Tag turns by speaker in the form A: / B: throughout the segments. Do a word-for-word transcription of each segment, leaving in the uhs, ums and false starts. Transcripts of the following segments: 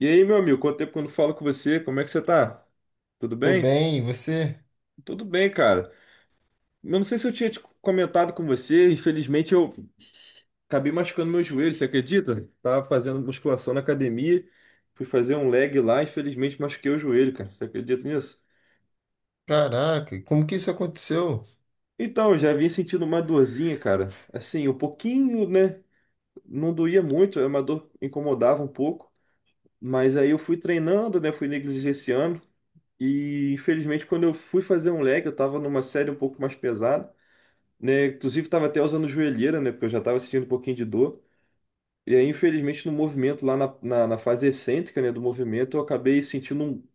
A: E aí, meu amigo, quanto tempo que eu não falo com você? Como é que você tá? Tudo
B: Tô
A: bem?
B: bem, e você?
A: Tudo bem, cara. Eu não sei se eu tinha te comentado com você, infelizmente eu acabei machucando meu joelho, você acredita? Tava fazendo musculação na academia, fui fazer um leg lá, infelizmente machuquei o joelho, cara. Você acredita nisso?
B: Caraca, como que isso aconteceu?
A: Então, eu já vinha sentindo uma dorzinha, cara. Assim, um pouquinho, né? Não doía muito, é uma dor que incomodava um pouco. Mas aí eu fui treinando, né? Fui negligenciando. E infelizmente, quando eu fui fazer um leg, eu tava numa série um pouco mais pesada, né? Inclusive, tava até usando joelheira, né? Porque eu já tava sentindo um pouquinho de dor. E aí, infelizmente, no movimento, lá na, na, na fase excêntrica, né, do movimento, eu acabei sentindo um,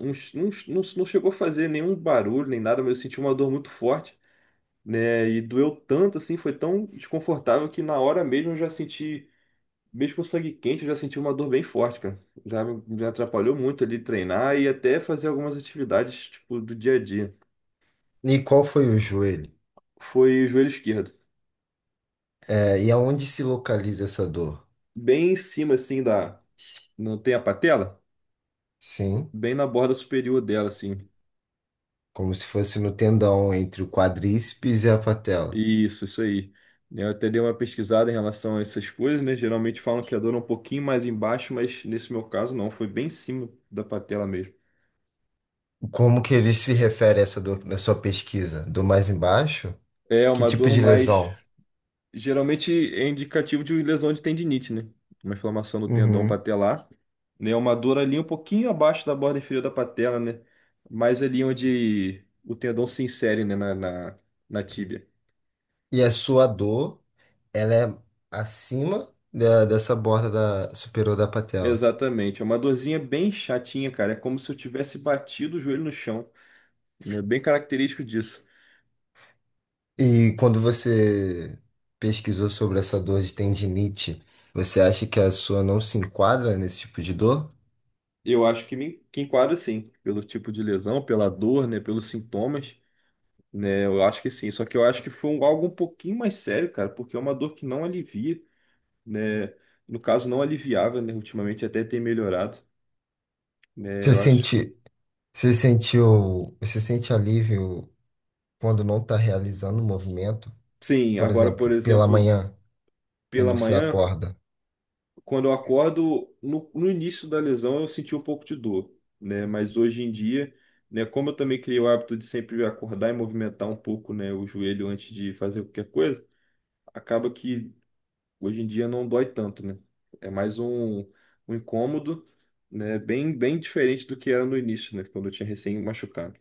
A: um, um- Não, não chegou a fazer nenhum barulho nem nada, mas eu senti uma dor muito forte, né? E doeu tanto, assim, foi tão desconfortável que na hora mesmo eu já senti. Mesmo com sangue quente, eu já senti uma dor bem forte, cara. Já me me atrapalhou muito ali treinar e até fazer algumas atividades, tipo, do dia a dia.
B: E qual foi o joelho?
A: Foi o joelho esquerdo.
B: É, e aonde se localiza essa dor?
A: Bem em cima, assim, da... Não tem a patela?
B: Sim,
A: Bem na borda superior dela, assim.
B: como se fosse no tendão entre o quadríceps e a patela.
A: Isso, isso aí. Eu até dei uma pesquisada em relação a essas coisas, né? Geralmente falam que a dor é um pouquinho mais embaixo, mas nesse meu caso não. Foi bem em cima da patela mesmo.
B: Como que ele se refere a essa dor na sua pesquisa? Dor mais embaixo?
A: É
B: Que
A: uma
B: tipo
A: dor
B: de
A: mais...
B: lesão?
A: Geralmente é indicativo de lesão de tendinite, né? Uma inflamação do tendão
B: Uhum.
A: patelar, né? Uma dor ali um pouquinho abaixo da borda inferior da patela, né? Mais ali onde o tendão se insere, né? Na, na, na tíbia.
B: E a sua dor, ela é acima da- dessa borda da- superior da patela?
A: Exatamente. É uma dorzinha bem chatinha, cara. É como se eu tivesse batido o joelho no chão. É bem característico disso.
B: E quando você pesquisou sobre essa dor de tendinite, você acha que a sua não se enquadra nesse tipo de dor?
A: Eu acho que me que enquadra sim, pelo tipo de lesão, pela dor, né? Pelos sintomas, né? Eu acho que sim. Só que eu acho que foi um- algo um pouquinho mais sério, cara, porque é uma dor que não alivia, né? No caso, não aliviava, né? Ultimamente até tem melhorado, né?
B: Você
A: Eu acho.
B: sente, você sentiu, você sente alívio quando não está realizando o movimento?
A: Sim,
B: Por
A: agora,
B: exemplo,
A: por
B: pela
A: exemplo,
B: manhã,
A: pela
B: quando você
A: manhã,
B: acorda,
A: quando eu acordo, no, no início da lesão eu senti um pouco de dor, né? Mas hoje em dia, né? Como eu também criei o hábito de sempre acordar e movimentar um pouco, né? O joelho antes de fazer qualquer coisa, acaba que hoje em dia não dói tanto, né? É mais um, um incômodo, né? Bem, bem diferente do que era no início, né? Quando eu tinha recém machucado.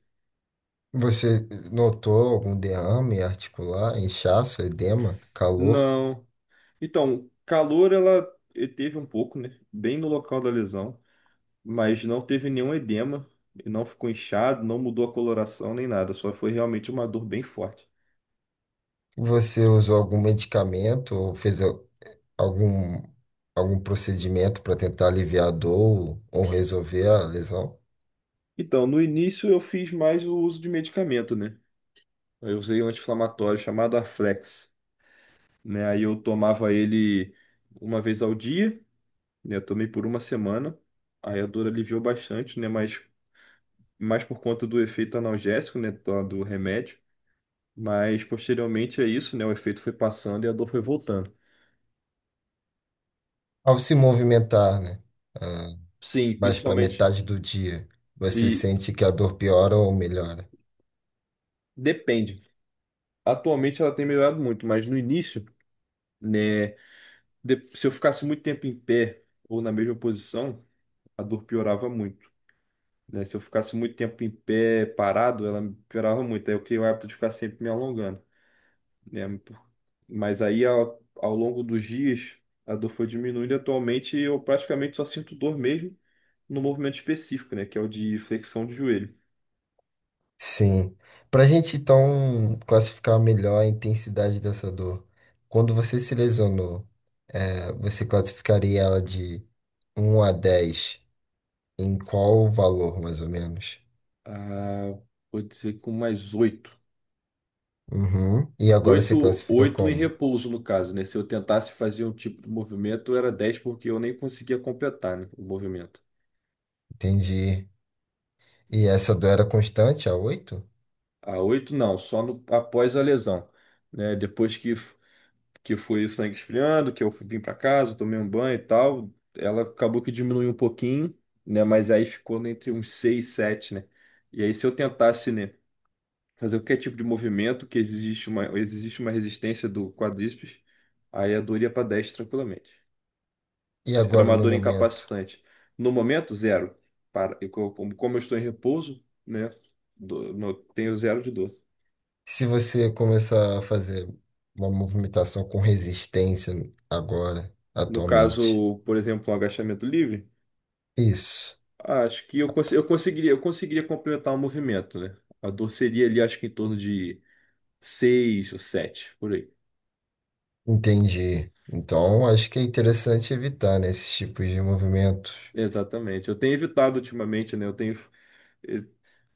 B: você notou algum derrame articular, inchaço, edema, calor?
A: Não. Então, calor ela teve um pouco, né? Bem no local da lesão, mas não teve nenhum edema, não ficou inchado, não mudou a coloração nem nada, só foi realmente uma dor bem forte.
B: Você usou algum medicamento ou fez algum, algum procedimento para tentar aliviar a dor ou resolver a lesão?
A: Então, no início eu fiz mais o uso de medicamento, né? Eu usei um anti-inflamatório chamado Aflex, né? Aí eu tomava ele uma vez ao dia, né? Eu tomei por uma semana, aí a dor aliviou bastante, né? Mas mais por conta do efeito analgésico, né? Do do remédio. Mas posteriormente é isso, né? O efeito foi passando e a dor foi voltando.
B: Ao se movimentar, né? ah,
A: Sim,
B: mais para
A: principalmente.
B: metade do dia, você
A: E
B: sente que a dor piora ou melhora?
A: depende. Atualmente ela tem melhorado muito, mas no início, né? de- se eu ficasse muito tempo em pé ou na mesma posição, a dor piorava muito. Né? Se eu ficasse muito tempo em pé parado, ela piorava muito. Aí eu criei o hábito de ficar sempre me alongando, né? Mas aí ao, ao longo dos dias, a dor foi diminuindo. E atualmente eu praticamente só sinto dor mesmo no movimento específico, né? Que é o de flexão de joelho.
B: Sim. Para a gente então classificar melhor a intensidade dessa dor, quando você se lesionou, eh, você classificaria ela de um a dez em qual valor, mais ou menos?
A: Ah, vou dizer com mais oito.
B: Uhum. E agora você
A: Oito,
B: classifica
A: oito em
B: como?
A: repouso, no caso, né? Se eu tentasse fazer um tipo de movimento, era dez, porque eu nem conseguia completar, né, o movimento.
B: Entendi. E essa dor era constante, a oito?
A: A oito, não, só no- após a lesão, né? Depois que, que foi o sangue esfriando, que eu vim para casa, tomei um banho e tal, ela acabou que diminuiu um pouquinho, né? Mas aí ficou entre uns seis, e sete, né? E aí, se eu tentasse, né, fazer qualquer tipo de movimento que existe uma, existe uma resistência do quadríceps, aí a dor ia para dez tranquilamente.
B: E
A: Era
B: agora,
A: uma
B: no
A: dor
B: momento,
A: incapacitante. No momento, zero. Para, e co- como, como eu estou em repouso, né, do- no- tenho zero de dor.
B: se você começar a fazer uma movimentação com resistência agora,
A: No
B: atualmente.
A: caso, por exemplo, um agachamento livre,
B: Isso,
A: acho que eu, cons- eu conseguiria, eu conseguiria complementar o movimento, né? A dor seria ali, acho que em torno de seis ou sete por aí.
B: entendi. Então, acho que é interessante evitar, né, esses tipos de movimentos.
A: Exatamente. Eu tenho evitado ultimamente, né? Eu tenho eh,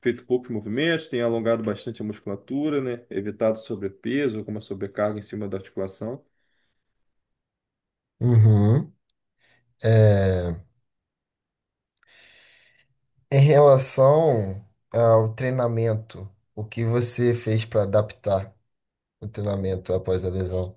A: feito poucos movimentos, tem alongado bastante a musculatura, né? Evitado sobrepeso, alguma sobrecarga em cima da articulação.
B: Uhum. É, em relação ao treinamento, o que você fez para adaptar o treinamento após a lesão?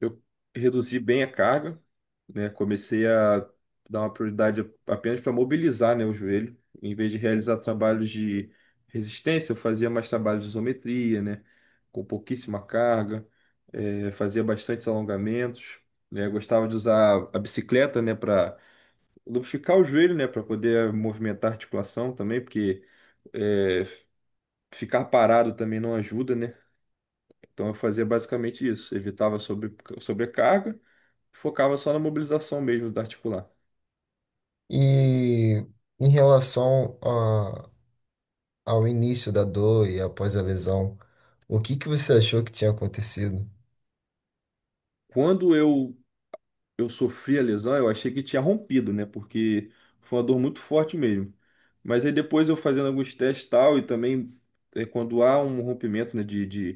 A: Eu reduzi bem a carga, né? Comecei a dar uma prioridade apenas para mobilizar, né, o joelho. Em vez de realizar trabalhos de resistência, eu fazia mais trabalhos de isometria, né? Com pouquíssima carga, eh, fazia bastantes alongamentos, né? Gostava de usar a bicicleta, né, para lubrificar o joelho, né, para poder eh, movimentar a articulação também, porque é, ficar parado também não ajuda, né? Então eu fazia basicamente isso, evitava sobre, sobrecarga, focava só na mobilização mesmo da articular.
B: E em relação ao início da dor e após a lesão, o que que você achou que tinha acontecido?
A: Quando eu eu sofri a lesão, eu achei que tinha rompido, né? Porque foi uma dor muito forte mesmo. Mas aí depois eu fazendo alguns testes e tal e também é, quando há um rompimento, né, de, de,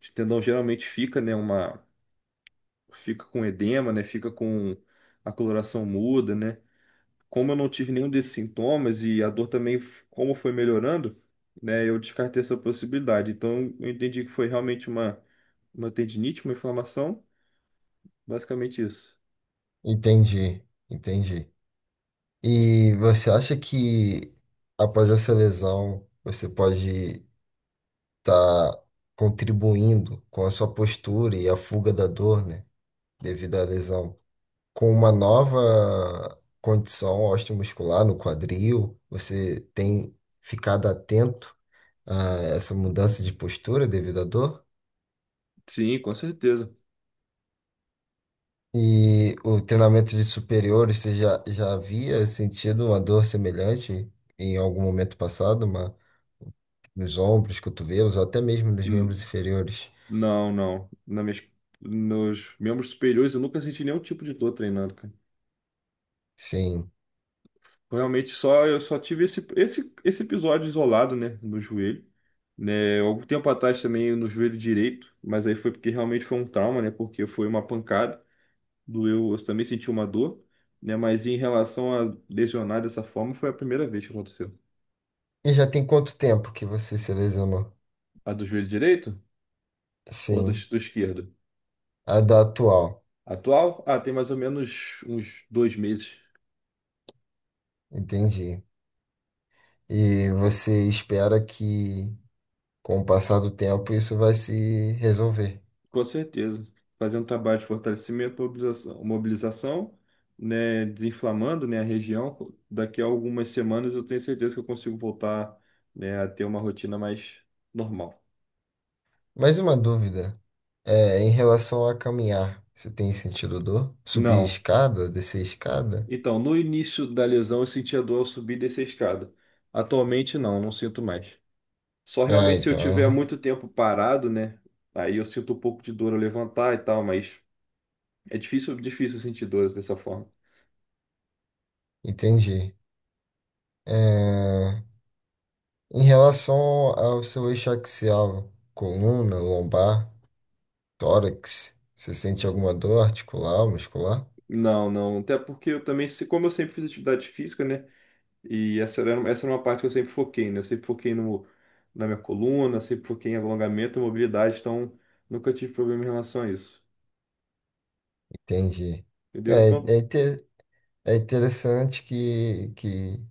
A: de tendão geralmente fica, né, fica com edema, né? Fica com a coloração muda, né? Como eu não tive nenhum desses sintomas e a dor também, f- como foi melhorando, né? Eu descartei essa possibilidade. Então, eu entendi que foi realmente uma, uma tendinite, uma inflamação, basicamente isso.
B: Entendi, entendi. E você acha que após essa lesão você pode estar contribuindo com a sua postura e a fuga da dor, né, devido à lesão, com uma nova condição osteomuscular no quadril? Você tem ficado atento a essa mudança de postura devido à dor?
A: Sim, com certeza.
B: E o treinamento de superiores, você já, já havia sentido uma dor semelhante em algum momento passado, uma, nos ombros, cotovelos, ou até mesmo nos
A: N-
B: membros inferiores?
A: Não, não. Na minhas, nos membros superiores eu nunca senti nenhum tipo de dor treinando, cara.
B: Sim.
A: Realmente só eu só tive esse, esse, esse episódio isolado, né, no joelho, né, algum tempo atrás também no joelho direito, mas aí foi porque realmente foi um trauma, né, porque foi uma pancada, doeu, eu também senti uma dor, né, mas em relação a lesionar dessa forma foi a primeira vez que aconteceu.
B: E já tem quanto tempo que você se lesionou?
A: A do joelho direito ou do,
B: Sim,
A: do esquerdo?
B: a da atual,
A: Atual? Ah, tem mais ou menos uns dois meses.
B: entendi. E você espera que, com o passar do tempo, isso vai se resolver.
A: Com certeza. Fazer um trabalho de fortalecimento, mobilização, mobilização, né, desinflamando, né, a região. Daqui a algumas semanas eu tenho certeza que eu consigo voltar, né, a ter uma rotina mais normal.
B: Mais uma dúvida. É, em relação a caminhar, você tem sentido dor? Subir
A: Não.
B: escada, descer escada?
A: Então, no início da lesão eu sentia dor ao subir e descer a escada. Atualmente não, não sinto mais. Só
B: Ah,
A: realmente se eu
B: então,
A: tiver muito tempo parado, né, aí eu sinto um pouco de dor ao levantar e tal, mas é difícil, difícil sentir dores dessa forma.
B: entendi. É, em relação ao seu eixo axial, coluna, lombar, tórax, você sente alguma dor articular, muscular?
A: Não, não. Até porque eu também, se- como eu sempre fiz atividade física, né? E essa era, essa era uma parte que eu sempre foquei, né? Eu sempre foquei no, na minha coluna, sempre foquei em alongamento, mobilidade, então nunca tive problema em relação a isso.
B: Entendi.
A: Entendeu?
B: É,
A: Então,
B: é, inte- é interessante que, que,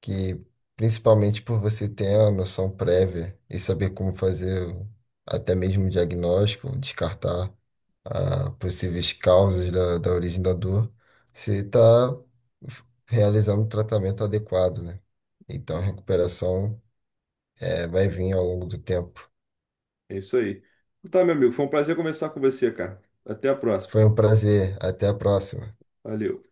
B: que, principalmente por você ter a noção prévia e saber como fazer o- até mesmo o diagnóstico, descartar a possíveis causas da, da origem da dor, você está realizando um tratamento adequado, né? Então a recuperação eh, vai vir ao longo do tempo.
A: é isso aí. Então, tá, meu amigo, foi um prazer conversar com você, cara. Até a próxima.
B: Foi um prazer. Até a próxima.
A: Valeu.